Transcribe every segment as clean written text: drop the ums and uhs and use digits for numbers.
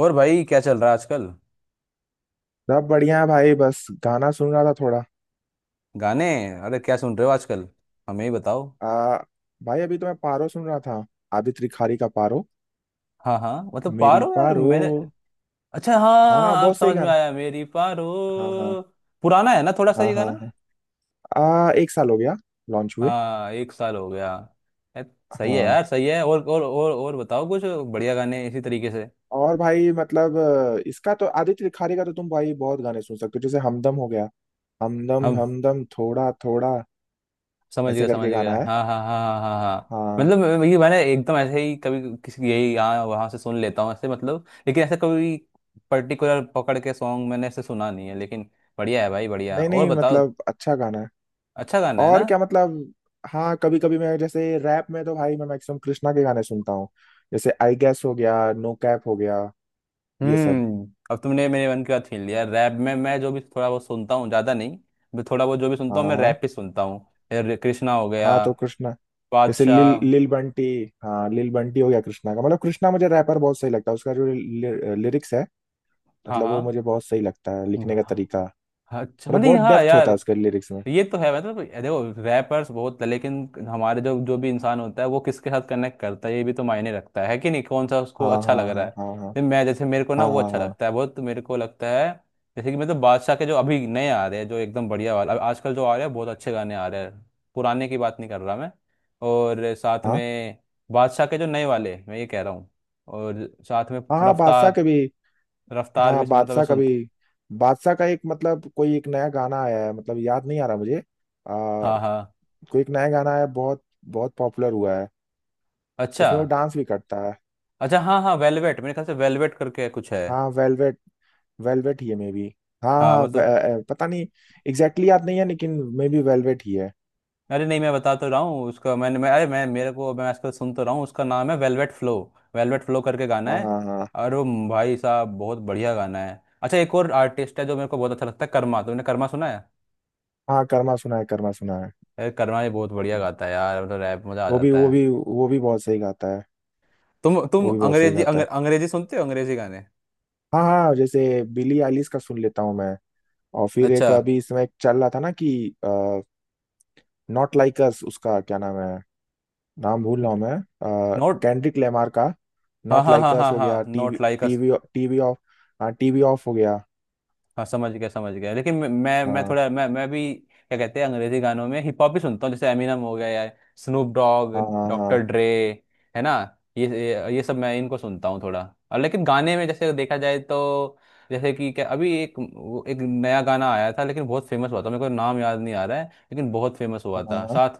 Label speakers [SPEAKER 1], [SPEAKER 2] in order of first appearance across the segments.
[SPEAKER 1] और भाई क्या चल रहा है आजकल।
[SPEAKER 2] सब बढ़िया है भाई। बस गाना सुन रहा था थोड़ा।
[SPEAKER 1] गाने। अरे क्या सुन रहे हो आजकल। हमें ही बताओ।
[SPEAKER 2] आ, भाई अभी तो मैं पारो सुन रहा था। आदित्य रिखारी का पारो।
[SPEAKER 1] हाँ हाँ, मतलब
[SPEAKER 2] मेरी
[SPEAKER 1] पारो यार,
[SPEAKER 2] पारो।
[SPEAKER 1] मैंने। अच्छा
[SPEAKER 2] हाँ हाँ,
[SPEAKER 1] हाँ, अब
[SPEAKER 2] बहुत सही
[SPEAKER 1] समझ में
[SPEAKER 2] गाना।
[SPEAKER 1] आया, मेरी पारो।
[SPEAKER 2] हाँ हाँ।
[SPEAKER 1] पुराना है ना थोड़ा सा
[SPEAKER 2] हाँ
[SPEAKER 1] ये गाना।
[SPEAKER 2] हाँ हाँ। एक साल हो गया लॉन्च हुए।
[SPEAKER 1] हाँ, एक साल हो गया। ए, सही है
[SPEAKER 2] हाँ।
[SPEAKER 1] यार, सही है। और बताओ कुछ बढ़िया गाने इसी तरीके से।
[SPEAKER 2] और भाई मतलब इसका तो आदित्य रिखारी का तो तुम भाई बहुत गाने सुन सकते हो। जैसे हमदम हो गया, हमदम
[SPEAKER 1] हम
[SPEAKER 2] हमदम थोड़ा थोड़ा
[SPEAKER 1] समझ
[SPEAKER 2] ऐसे
[SPEAKER 1] गया समझ
[SPEAKER 2] करके गाना
[SPEAKER 1] गया।
[SPEAKER 2] है।
[SPEAKER 1] हाँ हाँ हाँ हाँ हाँ हाँ,
[SPEAKER 2] हाँ।
[SPEAKER 1] मतलब ये मैंने एकदम ऐसे ही कभी किसी यही यहाँ वहाँ से सुन लेता हूँ ऐसे मतलब, लेकिन ऐसा कभी पर्टिकुलर पकड़ के सॉन्ग मैंने ऐसे सुना नहीं है, लेकिन बढ़िया है भाई बढ़िया,
[SPEAKER 2] नहीं
[SPEAKER 1] और
[SPEAKER 2] नहीं,
[SPEAKER 1] बताओ।
[SPEAKER 2] मतलब अच्छा गाना है।
[SPEAKER 1] अच्छा गाना है ना।
[SPEAKER 2] और क्या मतलब। हाँ कभी कभी मैं जैसे रैप में तो भाई मैं मैक्सिमम कृष्णा के गाने सुनता हूँ। जैसे आई गेस हो गया, नो कैप हो गया, ये सब।
[SPEAKER 1] हम्म, अब तुमने मेरे मन की बात छीन लिया। रैप में मैं जो भी थोड़ा बहुत सुनता हूँ, ज़्यादा नहीं। मैं थोड़ा बहुत जो भी
[SPEAKER 2] हाँ
[SPEAKER 1] सुनता हूँ, मैं रैप
[SPEAKER 2] हाँ
[SPEAKER 1] ही सुनता हूँ। ये कृष्णा हो
[SPEAKER 2] हाँ
[SPEAKER 1] गया,
[SPEAKER 2] हाँ, कृष्णा जैसे लिल
[SPEAKER 1] बादशाह।
[SPEAKER 2] लिल बंटी। हाँ लिल बंटी हो गया। कृष्णा का मतलब, कृष्णा मुझे रैपर बहुत सही लगता है। उसका जो लिरिक्स है,
[SPEAKER 1] हाँ
[SPEAKER 2] मतलब
[SPEAKER 1] हाँ।
[SPEAKER 2] वो मुझे बहुत सही लगता है, लिखने का तरीका।
[SPEAKER 1] अच्छा,
[SPEAKER 2] मतलब
[SPEAKER 1] नहीं
[SPEAKER 2] बहुत
[SPEAKER 1] हाँ
[SPEAKER 2] डेप्थ
[SPEAKER 1] यार।
[SPEAKER 2] होता है उसके लिरिक्स में।
[SPEAKER 1] ये तो है, मतलब देखो रैपर्स बहुत, लेकिन हमारे जो जो भी इंसान होता है वो किसके साथ कनेक्ट करता है, ये भी तो मायने रखता है कि नहीं, कौन सा उसको
[SPEAKER 2] हाँ
[SPEAKER 1] अच्छा
[SPEAKER 2] हाँ
[SPEAKER 1] लग रहा
[SPEAKER 2] हाँ
[SPEAKER 1] है।
[SPEAKER 2] हाँ हाँ
[SPEAKER 1] तो मैं जैसे, मेरे को ना
[SPEAKER 2] हाँ। हाँ
[SPEAKER 1] वो
[SPEAKER 2] हाँ
[SPEAKER 1] अच्छा
[SPEAKER 2] हाँ
[SPEAKER 1] लगता है, बहुत मेरे को लगता है। जैसे कि मतलब बादशाह के जो अभी नए आ रहे हैं, जो एकदम बढ़िया वाला, अब आजकल जो आ रहे हैं बहुत अच्छे गाने आ रहे हैं। पुराने की बात नहीं कर रहा मैं। और साथ
[SPEAKER 2] हाँ
[SPEAKER 1] में बादशाह के जो नए वाले, मैं ये कह रहा हूँ। और साथ में
[SPEAKER 2] हाँ हाँ, बादशाह
[SPEAKER 1] रफ्तार।
[SPEAKER 2] के भी।
[SPEAKER 1] रफ्तार
[SPEAKER 2] हाँ
[SPEAKER 1] भी मतलब मैं
[SPEAKER 2] बादशाह का भी।
[SPEAKER 1] सुनता।
[SPEAKER 2] बादशाह का एक मतलब कोई एक नया गाना आया है, मतलब याद नहीं आ रहा मुझे।
[SPEAKER 1] हाँ हाँ।
[SPEAKER 2] कोई एक नया गाना है, बहुत बहुत पॉपुलर हुआ है।
[SPEAKER 1] अच्छा
[SPEAKER 2] उसमें वो डांस भी करता है।
[SPEAKER 1] अच्छा। हाँ हाँ वेलवेट, मेरे ख्याल से वेलवेट करके कुछ है।
[SPEAKER 2] हाँ वेलवेट, वेलवेट ही है मे बी। हाँ
[SPEAKER 1] हाँ
[SPEAKER 2] हाँ,
[SPEAKER 1] मतलब।
[SPEAKER 2] पता नहीं, एग्जैक्टली याद नहीं है, लेकिन मे बी वेलवेट ही है।
[SPEAKER 1] अरे नहीं, मैं बता तो रहा हूँ उसका, मैं अरे मैं मेरे को मैं आजकल सुन तो रहा हूँ, उसका नाम है वेलवेट फ्लो। वेलवेट फ्लो करके गाना
[SPEAKER 2] हाँ
[SPEAKER 1] है।
[SPEAKER 2] हाँ। हाँ
[SPEAKER 1] और वो भाई साहब बहुत बढ़िया गाना है। अच्छा, एक और आर्टिस्ट है जो मेरे को बहुत अच्छा लगता है, कर्मा। तुमने कर्मा सुना है।
[SPEAKER 2] हाँ। कर्मा सुना है, कर्मा सुना है।
[SPEAKER 1] अरे कर्मा ये बहुत बढ़िया गाता है यार, मतलब रैप मजा आ
[SPEAKER 2] वो भी
[SPEAKER 1] जाता
[SPEAKER 2] वो
[SPEAKER 1] है।
[SPEAKER 2] भी वो भी बहुत सही गाता है।
[SPEAKER 1] तुम
[SPEAKER 2] वो भी बहुत सही
[SPEAKER 1] अंग्रेजी
[SPEAKER 2] गाता है।
[SPEAKER 1] अंग्रेजी सुनते हो, अंग्रेजी गाने।
[SPEAKER 2] हाँ हाँ, जैसे बिली आइलिश का सुन लेता हूँ मैं। और फिर
[SPEAKER 1] अच्छा।
[SPEAKER 2] एक अभी इसमें एक चल रहा था ना कि नॉट लाइक अस। उसका क्या नाम है, नाम भूल रहा हूँ मैं,
[SPEAKER 1] नोट।
[SPEAKER 2] कैंड्रिक लेमार का।
[SPEAKER 1] हाँ
[SPEAKER 2] नॉट
[SPEAKER 1] हाँ
[SPEAKER 2] लाइक
[SPEAKER 1] हाँ
[SPEAKER 2] अस
[SPEAKER 1] हाँ
[SPEAKER 2] हो गया।
[SPEAKER 1] हाँ, not
[SPEAKER 2] TV
[SPEAKER 1] like us.
[SPEAKER 2] TV TV off. हाँ टीवी ऑफ हो गया।
[SPEAKER 1] हाँ समझ गया समझ गया, लेकिन मैं
[SPEAKER 2] हाँ
[SPEAKER 1] थोड़ा, मैं भी क्या कहते हैं, अंग्रेजी गानों में हिप हॉप भी सुनता हूँ, जैसे एमिनम हो गया या स्नूप डॉग,
[SPEAKER 2] हाँ
[SPEAKER 1] डॉक्टर
[SPEAKER 2] हाँ
[SPEAKER 1] ड्रे, है ना। ये सब मैं इनको सुनता हूँ थोड़ा और, लेकिन गाने में जैसे देखा जाए तो, जैसे कि क्या अभी एक वो एक नया गाना आया था, लेकिन बहुत फेमस हुआ था, मेरे को नाम याद नहीं आ रहा है, लेकिन बहुत फेमस हुआ
[SPEAKER 2] हाँ
[SPEAKER 1] था
[SPEAKER 2] हाँ
[SPEAKER 1] साथ।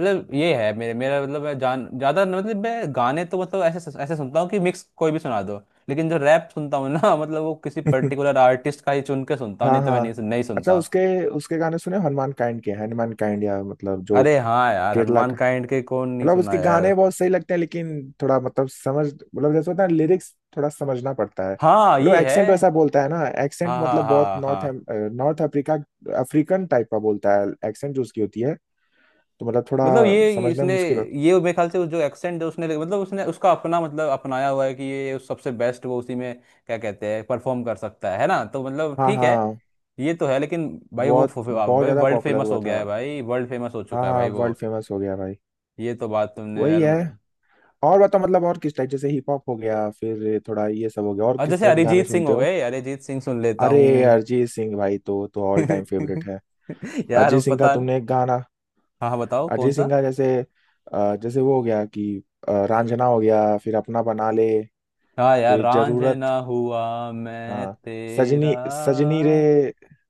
[SPEAKER 1] मतलब ये है मेरे, मेरा मतलब मैं जान ज्यादा मतलब मैं गाने तो मतलब ऐसे ऐसे सुनता हूँ कि मिक्स कोई भी सुना दो। लेकिन जो रैप सुनता हूँ ना मतलब वो किसी
[SPEAKER 2] हाँ।
[SPEAKER 1] पर्टिकुलर आर्टिस्ट का ही चुन के सुनता हूँ,
[SPEAKER 2] हाँ
[SPEAKER 1] नहीं तो मैं
[SPEAKER 2] हाँ।
[SPEAKER 1] नहीं
[SPEAKER 2] अच्छा
[SPEAKER 1] सुनता।
[SPEAKER 2] उसके, उसके गाने सुने हनुमान काइंड के? हनुमान काइंड या मतलब जो
[SPEAKER 1] अरे हाँ यार,
[SPEAKER 2] केरला,
[SPEAKER 1] हनुमान काइंड के कौन नहीं
[SPEAKER 2] मतलब
[SPEAKER 1] सुना
[SPEAKER 2] उसके
[SPEAKER 1] यार।
[SPEAKER 2] गाने बहुत सही लगते हैं। लेकिन थोड़ा मतलब समझ, मतलब जैसे होता है लिरिक्स थोड़ा समझना पड़ता है।
[SPEAKER 1] हाँ
[SPEAKER 2] मतलब
[SPEAKER 1] ये है।
[SPEAKER 2] एक्सेंट वैसा बोलता है ना, एक्सेंट
[SPEAKER 1] हाँ हाँ
[SPEAKER 2] मतलब बहुत
[SPEAKER 1] हाँ
[SPEAKER 2] नॉर्थ,
[SPEAKER 1] हाँ,
[SPEAKER 2] नॉर्थ अफ्रीका, अफ्रीकन टाइप का बोलता है। एक्सेंट जो उसकी होती है, तो मतलब थोड़ा
[SPEAKER 1] मतलब ये
[SPEAKER 2] समझने में
[SPEAKER 1] इसने।
[SPEAKER 2] मुश्किल होता।
[SPEAKER 1] ये मेरे ख्याल से उस जो एक्सेंट है उसने, मतलब उसने उसका अपना, मतलब अपनाया हुआ है कि ये सबसे बेस्ट वो उसी में क्या कहते हैं परफॉर्म कर सकता है ना, तो मतलब
[SPEAKER 2] हाँ
[SPEAKER 1] ठीक है।
[SPEAKER 2] हाँ।
[SPEAKER 1] ये तो है लेकिन, भाई वो
[SPEAKER 2] बहुत
[SPEAKER 1] फु- फु-
[SPEAKER 2] बहुत
[SPEAKER 1] भाई
[SPEAKER 2] ज्यादा
[SPEAKER 1] वर्ल्ड
[SPEAKER 2] पॉपुलर
[SPEAKER 1] फेमस
[SPEAKER 2] हुआ
[SPEAKER 1] हो गया
[SPEAKER 2] था।
[SPEAKER 1] है भाई, वर्ल्ड फेमस हो
[SPEAKER 2] हाँ
[SPEAKER 1] चुका है
[SPEAKER 2] हाँ,
[SPEAKER 1] भाई वो।
[SPEAKER 2] वर्ल्ड फेमस हो गया भाई।
[SPEAKER 1] ये तो बात तुमने
[SPEAKER 2] वही
[SPEAKER 1] यार।
[SPEAKER 2] है। और बताओ मतलब और किस टाइप, जैसे हिप हॉप हो गया, फिर थोड़ा ये सब हो गया, और
[SPEAKER 1] और
[SPEAKER 2] किस
[SPEAKER 1] जैसे
[SPEAKER 2] तरह के गाने
[SPEAKER 1] अरिजीत सिंह
[SPEAKER 2] सुनते
[SPEAKER 1] हो
[SPEAKER 2] हो?
[SPEAKER 1] गए, अरिजीत सिंह सुन लेता
[SPEAKER 2] अरे,
[SPEAKER 1] हूँ।
[SPEAKER 2] अरिजीत सिंह भाई तो ऑल टाइम फेवरेट है।
[SPEAKER 1] यार
[SPEAKER 2] अरिजीत
[SPEAKER 1] वो
[SPEAKER 2] सिंह का
[SPEAKER 1] पता।
[SPEAKER 2] तुमने एक गाना,
[SPEAKER 1] हाँ हाँ, बताओ कौन
[SPEAKER 2] अजय
[SPEAKER 1] सा।
[SPEAKER 2] सिंह का जैसे, जैसे वो हो गया कि रांझना हो गया, फिर अपना बना ले,
[SPEAKER 1] हाँ यार,
[SPEAKER 2] फिर
[SPEAKER 1] रांझ
[SPEAKER 2] जरूरत।
[SPEAKER 1] ना हुआ मैं
[SPEAKER 2] हाँ
[SPEAKER 1] तेरा।
[SPEAKER 2] सजनी, सजनी रे,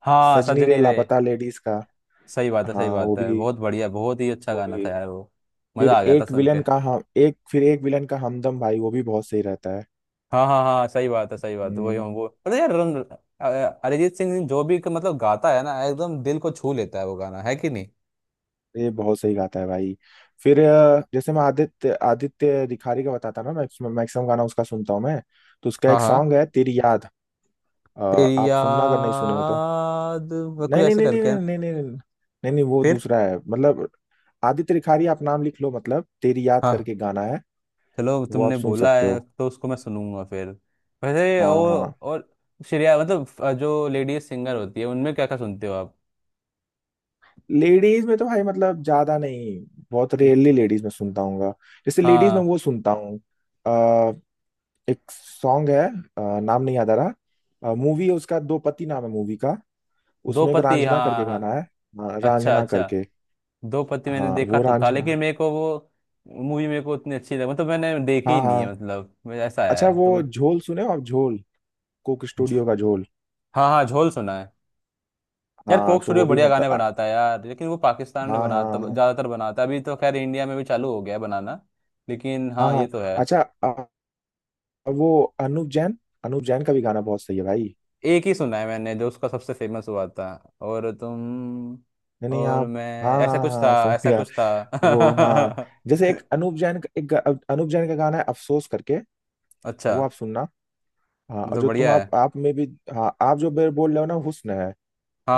[SPEAKER 1] हाँ
[SPEAKER 2] सजनी रे
[SPEAKER 1] सजनी रे।
[SPEAKER 2] लापता लेडीज का।
[SPEAKER 1] सही बात है, सही
[SPEAKER 2] हाँ वो
[SPEAKER 1] बात है,
[SPEAKER 2] भी,
[SPEAKER 1] बहुत बढ़िया, बहुत ही अच्छा
[SPEAKER 2] वो
[SPEAKER 1] गाना था
[SPEAKER 2] भी।
[SPEAKER 1] यार वो।
[SPEAKER 2] फिर
[SPEAKER 1] मजा आ गया था
[SPEAKER 2] एक
[SPEAKER 1] सुन
[SPEAKER 2] विलन
[SPEAKER 1] के।
[SPEAKER 2] का हम, एक फिर एक विलन का हमदम, भाई वो भी बहुत सही रहता है।
[SPEAKER 1] हाँ हाँ हाँ, सही बात है सही बात है, वही
[SPEAKER 2] हम्म।
[SPEAKER 1] हम वो मतलब यार रन। अरिजीत सिंह जो भी मतलब गाता है ना एकदम दिल को छू लेता है वो, गाना है कि नहीं।
[SPEAKER 2] ये बहुत सही गाता है भाई। फिर जैसे मैं आदित्य आदित्य रिखारी का बताता ना, मैक्सिमम मैक्सिमम गाना उसका सुनता हूँ मैं। तो उसका
[SPEAKER 1] हाँ
[SPEAKER 2] एक
[SPEAKER 1] हाँ,
[SPEAKER 2] सॉन्ग है तेरी याद। अ,
[SPEAKER 1] तेरी
[SPEAKER 2] आप सुनना अगर नहीं सुने हो तो।
[SPEAKER 1] याद। वो कुछ
[SPEAKER 2] नहीं नहीं
[SPEAKER 1] ऐसे
[SPEAKER 2] नहीं नहीं
[SPEAKER 1] करके है।
[SPEAKER 2] नहीं नहीं नहीं नहीं, नहीं नहीं, वो
[SPEAKER 1] फिर।
[SPEAKER 2] दूसरा है मतलब। आदित्य रिखारी, आप नाम लिख लो, मतलब तेरी याद
[SPEAKER 1] हाँ।
[SPEAKER 2] करके गाना है।
[SPEAKER 1] चलो
[SPEAKER 2] वो आप
[SPEAKER 1] तुमने
[SPEAKER 2] सुन
[SPEAKER 1] बोला
[SPEAKER 2] सकते
[SPEAKER 1] है
[SPEAKER 2] हो।
[SPEAKER 1] तो उसको मैं सुनूंगा फिर। वैसे
[SPEAKER 2] हाँ
[SPEAKER 1] और
[SPEAKER 2] हाँ।
[SPEAKER 1] और श्रेया मतलब जो लेडीज सिंगर होती है, उनमें क्या क्या सुनते हो आप।
[SPEAKER 2] लेडीज में तो भाई मतलब ज्यादा नहीं, बहुत रेयरली लेडीज में सुनता हूँ। जैसे लेडीज में
[SPEAKER 1] हाँ,
[SPEAKER 2] वो सुनता हूँ, अ, एक सॉन्ग है, नाम नहीं याद आ रहा। मूवी है उसका दो पति, नाम है मूवी का।
[SPEAKER 1] दो
[SPEAKER 2] उसमें एक
[SPEAKER 1] पति हाँ।
[SPEAKER 2] रांझना
[SPEAKER 1] हाँ
[SPEAKER 2] करके गाना
[SPEAKER 1] हाँ।
[SPEAKER 2] है। हाँ,
[SPEAKER 1] अच्छा
[SPEAKER 2] रांझना
[SPEAKER 1] अच्छा,
[SPEAKER 2] करके।
[SPEAKER 1] दो पत्ती मैंने
[SPEAKER 2] हाँ
[SPEAKER 1] देखा
[SPEAKER 2] वो
[SPEAKER 1] तो था,
[SPEAKER 2] रांझना।
[SPEAKER 1] लेकिन मेरे को वो मूवी, मेरे को उतनी अच्छी लगी, मतलब मैंने देखी ही
[SPEAKER 2] हाँ
[SPEAKER 1] नहीं
[SPEAKER 2] हाँ।
[SPEAKER 1] है, मतलब ऐसा
[SPEAKER 2] अच्छा
[SPEAKER 1] है, तो
[SPEAKER 2] वो
[SPEAKER 1] मैं।
[SPEAKER 2] झोल सुने हो आप, झोल, कोक
[SPEAKER 1] झो-
[SPEAKER 2] स्टूडियो का झोल।
[SPEAKER 1] हाँ हाँ, झोल सुना है। यार,
[SPEAKER 2] हाँ
[SPEAKER 1] कोक
[SPEAKER 2] तो
[SPEAKER 1] स्टूडियो
[SPEAKER 2] वो भी
[SPEAKER 1] बढ़िया
[SPEAKER 2] मतलब
[SPEAKER 1] गाने बनाता है यार, लेकिन वो पाकिस्तान में
[SPEAKER 2] हाँ हाँ
[SPEAKER 1] बनाता,
[SPEAKER 2] हाँ
[SPEAKER 1] ज़्यादातर बनाता है, अभी तो खैर इंडिया में भी चालू हो गया है बनाना। लेकिन
[SPEAKER 2] हाँ
[SPEAKER 1] हाँ, ये
[SPEAKER 2] हाँ।
[SPEAKER 1] तो है।
[SPEAKER 2] अच्छा वो अनूप जैन, अनूप जैन का भी गाना बहुत सही है भाई।
[SPEAKER 1] एक ही सुना है मैंने जो उसका सबसे फेमस हुआ था। और तुम।
[SPEAKER 2] नहीं नहीं
[SPEAKER 1] और
[SPEAKER 2] आप।
[SPEAKER 1] मैं,
[SPEAKER 2] हाँ
[SPEAKER 1] ऐसा
[SPEAKER 2] हाँ
[SPEAKER 1] कुछ था
[SPEAKER 2] हाँ, समझ
[SPEAKER 1] ऐसा
[SPEAKER 2] गया।
[SPEAKER 1] कुछ था।
[SPEAKER 2] वो, हाँ जैसे एक अनूप जैन का एक अनूप जैन का गाना है अफसोस करके,
[SPEAKER 1] अच्छा।
[SPEAKER 2] वो आप सुनना। हाँ, और
[SPEAKER 1] मतलब
[SPEAKER 2] जो तुम
[SPEAKER 1] बढ़िया।
[SPEAKER 2] आप में भी, हाँ आप जो बोल रहे हो ना, हुस्न है,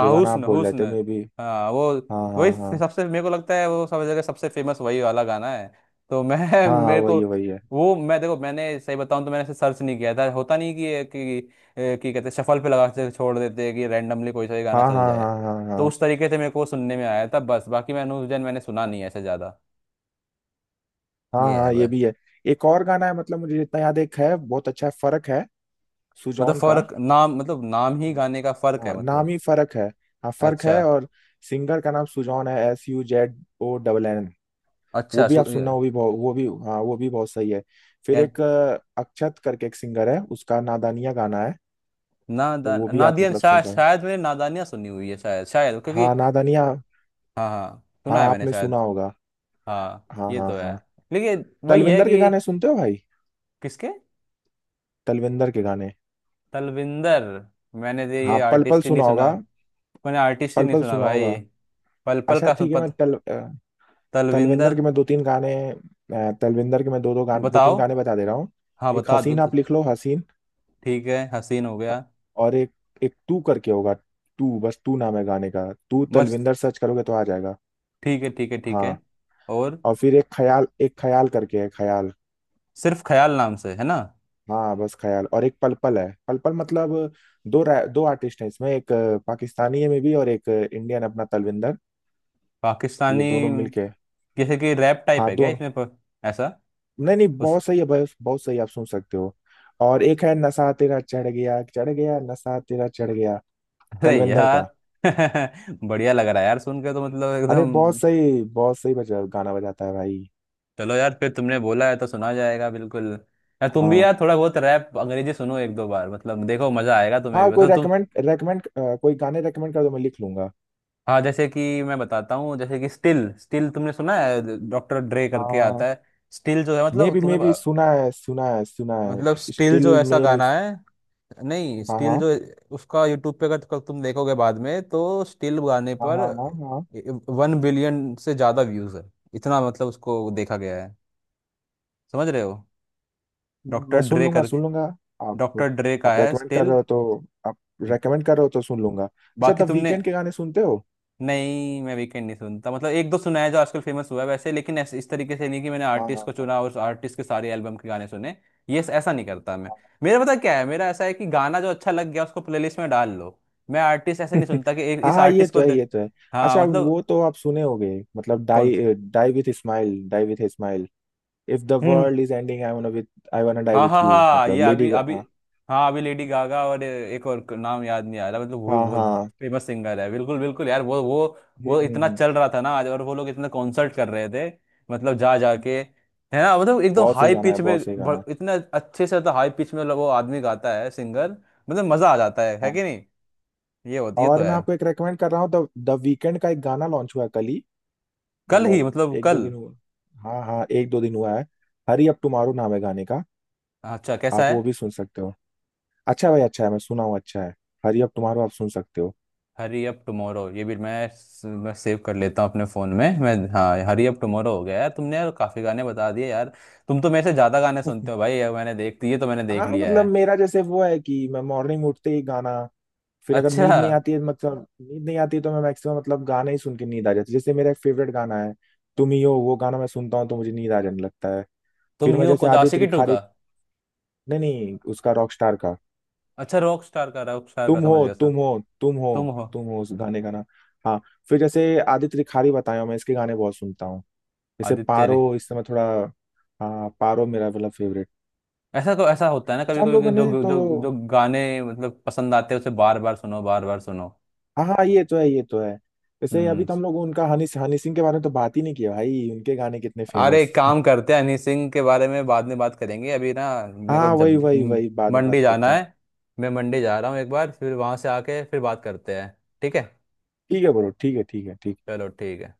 [SPEAKER 2] जो गाना आप
[SPEAKER 1] हुस्न
[SPEAKER 2] बोल रहे
[SPEAKER 1] हुस्न।
[SPEAKER 2] थे में भी।
[SPEAKER 1] हाँ वो।
[SPEAKER 2] हाँ
[SPEAKER 1] वही
[SPEAKER 2] हाँ हाँ
[SPEAKER 1] सबसे, मेरे को लगता है वो सब जगह सबसे फेमस वही वाला गाना है। तो मैं
[SPEAKER 2] हाँ हाँ,
[SPEAKER 1] मेरे को
[SPEAKER 2] वही है वही है।
[SPEAKER 1] वो, मैं देखो मैंने सही बताऊं तो मैंने ऐसे सर्च नहीं किया था, होता नहीं कि कि कि कहते शफल पे लगा के छोड़ देते हैं कि रैंडमली कोई सा भी गाना
[SPEAKER 2] हाँ
[SPEAKER 1] चल
[SPEAKER 2] हाँ
[SPEAKER 1] जाए।
[SPEAKER 2] हाँ हाँ हाँ
[SPEAKER 1] तो
[SPEAKER 2] हाँ
[SPEAKER 1] उस तरीके से मेरे को सुनने में आया था बस, बाकी मैंने उस दिन मैंने सुना नहीं है ऐसे ज्यादा।
[SPEAKER 2] हाँ
[SPEAKER 1] ये है
[SPEAKER 2] हाँ, ये
[SPEAKER 1] बस।
[SPEAKER 2] भी है। एक और गाना है, मतलब मुझे जितना याद है, एक है बहुत अच्छा है, फर्क है,
[SPEAKER 1] मतलब
[SPEAKER 2] सुजॉन का।
[SPEAKER 1] फर्क नाम, मतलब नाम ही गाने का फर्क है
[SPEAKER 2] हाँ नाम
[SPEAKER 1] मतलब।
[SPEAKER 2] ही फर्क है। हाँ फर्क
[SPEAKER 1] अच्छा
[SPEAKER 2] है। और सिंगर का नाम सुजॉन है, S U Z O double N. वो
[SPEAKER 1] अच्छा।
[SPEAKER 2] भी आप सुनना, वो भी बहुत, वो भी, हाँ वो भी बहुत सही है। फिर
[SPEAKER 1] यार,
[SPEAKER 2] एक अक्षत करके एक सिंगर है, उसका नादानिया गाना है, तो
[SPEAKER 1] नादान
[SPEAKER 2] वो भी आप
[SPEAKER 1] नादियन
[SPEAKER 2] मतलब सुन
[SPEAKER 1] शायद,
[SPEAKER 2] सकते।
[SPEAKER 1] शायद मैंने नादानियाँ सुनी हुई है शायद, शायद क्योंकि।
[SPEAKER 2] हाँ नादानिया।
[SPEAKER 1] हाँ हाँ
[SPEAKER 2] हाँ
[SPEAKER 1] सुना है मैंने
[SPEAKER 2] आपने सुना
[SPEAKER 1] शायद।
[SPEAKER 2] होगा।
[SPEAKER 1] हाँ
[SPEAKER 2] हाँ
[SPEAKER 1] ये
[SPEAKER 2] हाँ
[SPEAKER 1] तो है।
[SPEAKER 2] हाँ।
[SPEAKER 1] लेकिन वही है
[SPEAKER 2] तलविंदर के
[SPEAKER 1] कि।
[SPEAKER 2] गाने सुनते हो भाई?
[SPEAKER 1] किसके।
[SPEAKER 2] तलविंदर के गाने।
[SPEAKER 1] तलविंदर। मैंने तो ये
[SPEAKER 2] हाँ पल पल
[SPEAKER 1] आर्टिस्ट ही नहीं
[SPEAKER 2] सुना
[SPEAKER 1] सुना।
[SPEAKER 2] होगा।
[SPEAKER 1] मैंने आर्टिस्ट ही
[SPEAKER 2] पल
[SPEAKER 1] नहीं
[SPEAKER 2] पल
[SPEAKER 1] सुना
[SPEAKER 2] सुना
[SPEAKER 1] भाई।
[SPEAKER 2] होगा।
[SPEAKER 1] पल पल
[SPEAKER 2] अच्छा
[SPEAKER 1] का सुन
[SPEAKER 2] ठीक है।
[SPEAKER 1] पत।
[SPEAKER 2] तलविंदर
[SPEAKER 1] तलविंदर।
[SPEAKER 2] के मैं दो तीन गाने, तलविंदर के मैं दो दो गाने दो तीन
[SPEAKER 1] बताओ।
[SPEAKER 2] गाने बता दे रहा हूँ।
[SPEAKER 1] हाँ
[SPEAKER 2] एक
[SPEAKER 1] बता दो
[SPEAKER 2] हसीन,
[SPEAKER 1] तो।
[SPEAKER 2] आप लिख लो हसीन।
[SPEAKER 1] ठीक है, हसीन हो गया।
[SPEAKER 2] और एक, एक तू करके होगा। तू, बस तू नाम है गाने का। तू
[SPEAKER 1] बस।
[SPEAKER 2] तलविंदर सर्च करोगे तो आ जाएगा।
[SPEAKER 1] ठीक है ठीक है ठीक है।
[SPEAKER 2] हाँ।
[SPEAKER 1] और।
[SPEAKER 2] और फिर एक ख्याल, एक ख्याल करके है, ख्याल।
[SPEAKER 1] सिर्फ ख्याल नाम से है ना।
[SPEAKER 2] हाँ बस ख्याल। और एक पल पल है, पल पल मतलब दो आर्टिस्ट हैं इसमें, एक पाकिस्तानी है में भी, और एक इंडियन अपना तलविंदर। तो ये
[SPEAKER 1] पाकिस्तानी।
[SPEAKER 2] दोनों मिलके।
[SPEAKER 1] जैसे कि रैप टाइप
[SPEAKER 2] हाँ
[SPEAKER 1] है क्या
[SPEAKER 2] दोनों।
[SPEAKER 1] इसमें, ऐसा।
[SPEAKER 2] नहीं नहीं,
[SPEAKER 1] उस।
[SPEAKER 2] बहुत सही है, बस बहुत सही है, आप सुन सकते हो। और एक है नशा तेरा चढ़ गया, चढ़ गया नशा तेरा चढ़ गया,
[SPEAKER 1] अरे
[SPEAKER 2] तलविंदर
[SPEAKER 1] यार
[SPEAKER 2] का।
[SPEAKER 1] बढ़िया लग रहा है यार सुन के तो, मतलब
[SPEAKER 2] अरे
[SPEAKER 1] एकदम।
[SPEAKER 2] बहुत सही, बहुत सही बजा गाना बजाता है भाई।
[SPEAKER 1] चलो यार, फिर तुमने बोला है तो सुना जाएगा बिल्कुल। यार तुम भी
[SPEAKER 2] हाँ
[SPEAKER 1] यार थोड़ा बहुत रैप अंग्रेजी सुनो एक दो बार, मतलब देखो मजा आएगा तुम्हें भी,
[SPEAKER 2] हाँ। कोई
[SPEAKER 1] मतलब तुम।
[SPEAKER 2] रेकमेंड, रेकमेंड, कोई गाने रेकमेंड कर दो, मैं लिख लूंगा।
[SPEAKER 1] हाँ, जैसे कि मैं बताता हूँ, जैसे कि स्टिल, स्टिल तुमने सुना है, डॉक्टर ड्रे करके आता है। स्टिल जो है, मतलब
[SPEAKER 2] मे
[SPEAKER 1] तुम्हें।
[SPEAKER 2] बी सुना है, सुना है सुना है
[SPEAKER 1] मतलब स्टिल जो
[SPEAKER 2] स्टिल
[SPEAKER 1] ऐसा
[SPEAKER 2] मे बी।
[SPEAKER 1] गाना है, नहीं
[SPEAKER 2] हाँ
[SPEAKER 1] स्टील
[SPEAKER 2] हाँ
[SPEAKER 1] जो। उसका यूट्यूब पे अगर कल तुम देखोगे बाद में, तो स्टील गाने
[SPEAKER 2] हाँ
[SPEAKER 1] पर
[SPEAKER 2] हाँ हाँ हाँ।
[SPEAKER 1] वन बिलियन से ज्यादा व्यूज है। इतना मतलब उसको देखा गया है। समझ रहे हो। डॉक्टर
[SPEAKER 2] मैं सुन
[SPEAKER 1] ड्रे
[SPEAKER 2] लूंगा,
[SPEAKER 1] करके।
[SPEAKER 2] सुन लूंगा। आप
[SPEAKER 1] डॉक्टर ड्रे का
[SPEAKER 2] आप
[SPEAKER 1] है
[SPEAKER 2] रेकमेंड कर
[SPEAKER 1] स्टिल।
[SPEAKER 2] रहे हो तो आप रेकमेंड कर रहे हो तो सुन लूंगा। अच्छा
[SPEAKER 1] बाकी
[SPEAKER 2] तब
[SPEAKER 1] तुमने।
[SPEAKER 2] वीकेंड के गाने सुनते हो?
[SPEAKER 1] नहीं, मैं वीकेंड नहीं सुनता, मतलब एक दो सुना है जो आजकल फेमस हुआ है वैसे, लेकिन ऐसे इस तरीके से नहीं कि मैंने
[SPEAKER 2] हाँ
[SPEAKER 1] आर्टिस्ट
[SPEAKER 2] हाँ
[SPEAKER 1] को
[SPEAKER 2] हाँ
[SPEAKER 1] चुना और आर्टिस्ट के सारे एल्बम के गाने सुने। ये ऐसा नहीं करता मैं।
[SPEAKER 2] हाँ।
[SPEAKER 1] मेरा पता क्या है, मेरा ऐसा है कि गाना जो अच्छा लग गया उसको प्लेलिस्ट में डाल लो। मैं आर्टिस्ट ऐसे नहीं सुनता कि एक
[SPEAKER 2] हाँ
[SPEAKER 1] इस
[SPEAKER 2] हाँ, ये
[SPEAKER 1] आर्टिस्ट को
[SPEAKER 2] तो है
[SPEAKER 1] दे।
[SPEAKER 2] ये तो है।
[SPEAKER 1] हाँ
[SPEAKER 2] अच्छा
[SPEAKER 1] मतलब।
[SPEAKER 2] वो तो आप सुने होगे, मतलब
[SPEAKER 1] कौन।
[SPEAKER 2] Die, die with smile, die with smile, if the
[SPEAKER 1] hmm.
[SPEAKER 2] World is ending I wanna with, I wanna die
[SPEAKER 1] हाँ हाँ
[SPEAKER 2] विथ यू,
[SPEAKER 1] हाँ,
[SPEAKER 2] मतलब
[SPEAKER 1] ये
[SPEAKER 2] लेडी।
[SPEAKER 1] अभी अभी।
[SPEAKER 2] हाँ
[SPEAKER 1] हाँ अभी लेडी गागा और एक और नाम याद नहीं आ रहा, मतलब वो भी बहुत
[SPEAKER 2] हाँ।
[SPEAKER 1] फेमस सिंगर है बिल्कुल बिल्कुल यार, वो।
[SPEAKER 2] हम्म
[SPEAKER 1] वो
[SPEAKER 2] हम्म
[SPEAKER 1] इतना
[SPEAKER 2] हम्म।
[SPEAKER 1] चल रहा था ना आज, और वो लोग इतना कॉन्सर्ट कर रहे थे। मतलब जा जा
[SPEAKER 2] हम्म।
[SPEAKER 1] के है ना, मतलब एकदम
[SPEAKER 2] बहुत सही
[SPEAKER 1] हाई
[SPEAKER 2] गाना है,
[SPEAKER 1] पिच में
[SPEAKER 2] बहुत सही गाना है।
[SPEAKER 1] इतना अच्छे से तो, हाई पिच में वो आदमी गाता है सिंगर। मतलब मजा आ जाता है
[SPEAKER 2] हाँ।
[SPEAKER 1] कि नहीं। ये होती है तो
[SPEAKER 2] और मैं
[SPEAKER 1] है।
[SPEAKER 2] आपको एक रेकमेंड कर रहा हूँ, द द वीकेंड का एक गाना लॉन्च हुआ है कल ही,
[SPEAKER 1] कल ही,
[SPEAKER 2] मतलब
[SPEAKER 1] मतलब
[SPEAKER 2] एक दो
[SPEAKER 1] कल।
[SPEAKER 2] दिन हुआ। हाँ हाँ एक दो दिन हुआ है। हरी अप टुमारो नाम है गाने का,
[SPEAKER 1] अच्छा कैसा
[SPEAKER 2] आप
[SPEAKER 1] है।
[SPEAKER 2] वो भी सुन सकते हो। अच्छा है भाई अच्छा है, मैं सुना हूँ, अच्छा है। हरी अप टुमारो आप सुन सकते हो।
[SPEAKER 1] हरी अप टुमारो, ये भी मैं सेव कर लेता हूँ अपने फ़ोन में, मैं हाँ हरी अप टुमारो हो गया, यार तुमने यार काफ़ी गाने बता दिए यार। तुम तो मेरे से ज़्यादा गाने सुनते हो भाई, ये मैंने देख, ये तो मैंने देख
[SPEAKER 2] हाँ
[SPEAKER 1] लिया
[SPEAKER 2] मतलब
[SPEAKER 1] है।
[SPEAKER 2] मेरा जैसे वो है कि मैं मॉर्निंग उठते ही गाना, फिर अगर
[SPEAKER 1] अच्छा।
[SPEAKER 2] नींद नहीं आती है, मतलब नींद नहीं आती है, तो मैं मैक्सिमम मतलब गाना ही सुन के नींद आ जाती है। जैसे मेरा एक फेवरेट गाना है तुम ही हो, वो गाना मैं सुनता हूँ तो मुझे नींद आ जाने लगता है।
[SPEAKER 1] तुम
[SPEAKER 2] फिर
[SPEAKER 1] ही
[SPEAKER 2] मैं
[SPEAKER 1] हो
[SPEAKER 2] जैसे
[SPEAKER 1] कुछ
[SPEAKER 2] आदित्य
[SPEAKER 1] आशिकी टू
[SPEAKER 2] रिखारी,
[SPEAKER 1] का।
[SPEAKER 2] नहीं नहीं, उसका रॉकस्टार का
[SPEAKER 1] अच्छा रॉक स्टार का, रॉक स्टार का
[SPEAKER 2] तुम
[SPEAKER 1] समझ
[SPEAKER 2] हो,
[SPEAKER 1] गया सर।
[SPEAKER 2] तुम हो, तुम हो,
[SPEAKER 1] तुम हो।
[SPEAKER 2] तुम हो उस गाने का नाम। हाँ फिर जैसे आदित्य रिखारी बताया, मैं इसके गाने बहुत सुनता हूँ। जैसे
[SPEAKER 1] आदित्य
[SPEAKER 2] पारो
[SPEAKER 1] रे।
[SPEAKER 2] इस समय थोड़ा, हाँ पारो मेरा मतलब फेवरेट।
[SPEAKER 1] ऐसा को, ऐसा होता है ना
[SPEAKER 2] अच्छा
[SPEAKER 1] कभी
[SPEAKER 2] हम
[SPEAKER 1] कभी कि
[SPEAKER 2] लोगों ने
[SPEAKER 1] जो
[SPEAKER 2] तो,
[SPEAKER 1] जो जो गाने मतलब पसंद आते हैं उसे बार बार सुनो बार बार सुनो।
[SPEAKER 2] हाँ हाँ ये तो है ये तो है। जैसे अभी
[SPEAKER 1] हम्म।
[SPEAKER 2] तो हम लोग उनका हनी हनी सिंह के बारे में तो बात ही नहीं किया भाई, उनके गाने कितने
[SPEAKER 1] अरे
[SPEAKER 2] फेमस।
[SPEAKER 1] एक काम करते हैं, हनी सिंह के बारे में बाद में बात करेंगे अभी ना। मेरे
[SPEAKER 2] हाँ
[SPEAKER 1] को
[SPEAKER 2] वही
[SPEAKER 1] जब
[SPEAKER 2] वही वही, बाद में
[SPEAKER 1] मंडी
[SPEAKER 2] बात
[SPEAKER 1] जाना
[SPEAKER 2] करते हैं।
[SPEAKER 1] है। मैं मंडी जा रहा हूँ एक बार, फिर वहां से आके फिर बात करते हैं। ठीक है।
[SPEAKER 2] ठीक है ब्रो, ठीक है ठीक है ठीक है।
[SPEAKER 1] चलो ठीक है।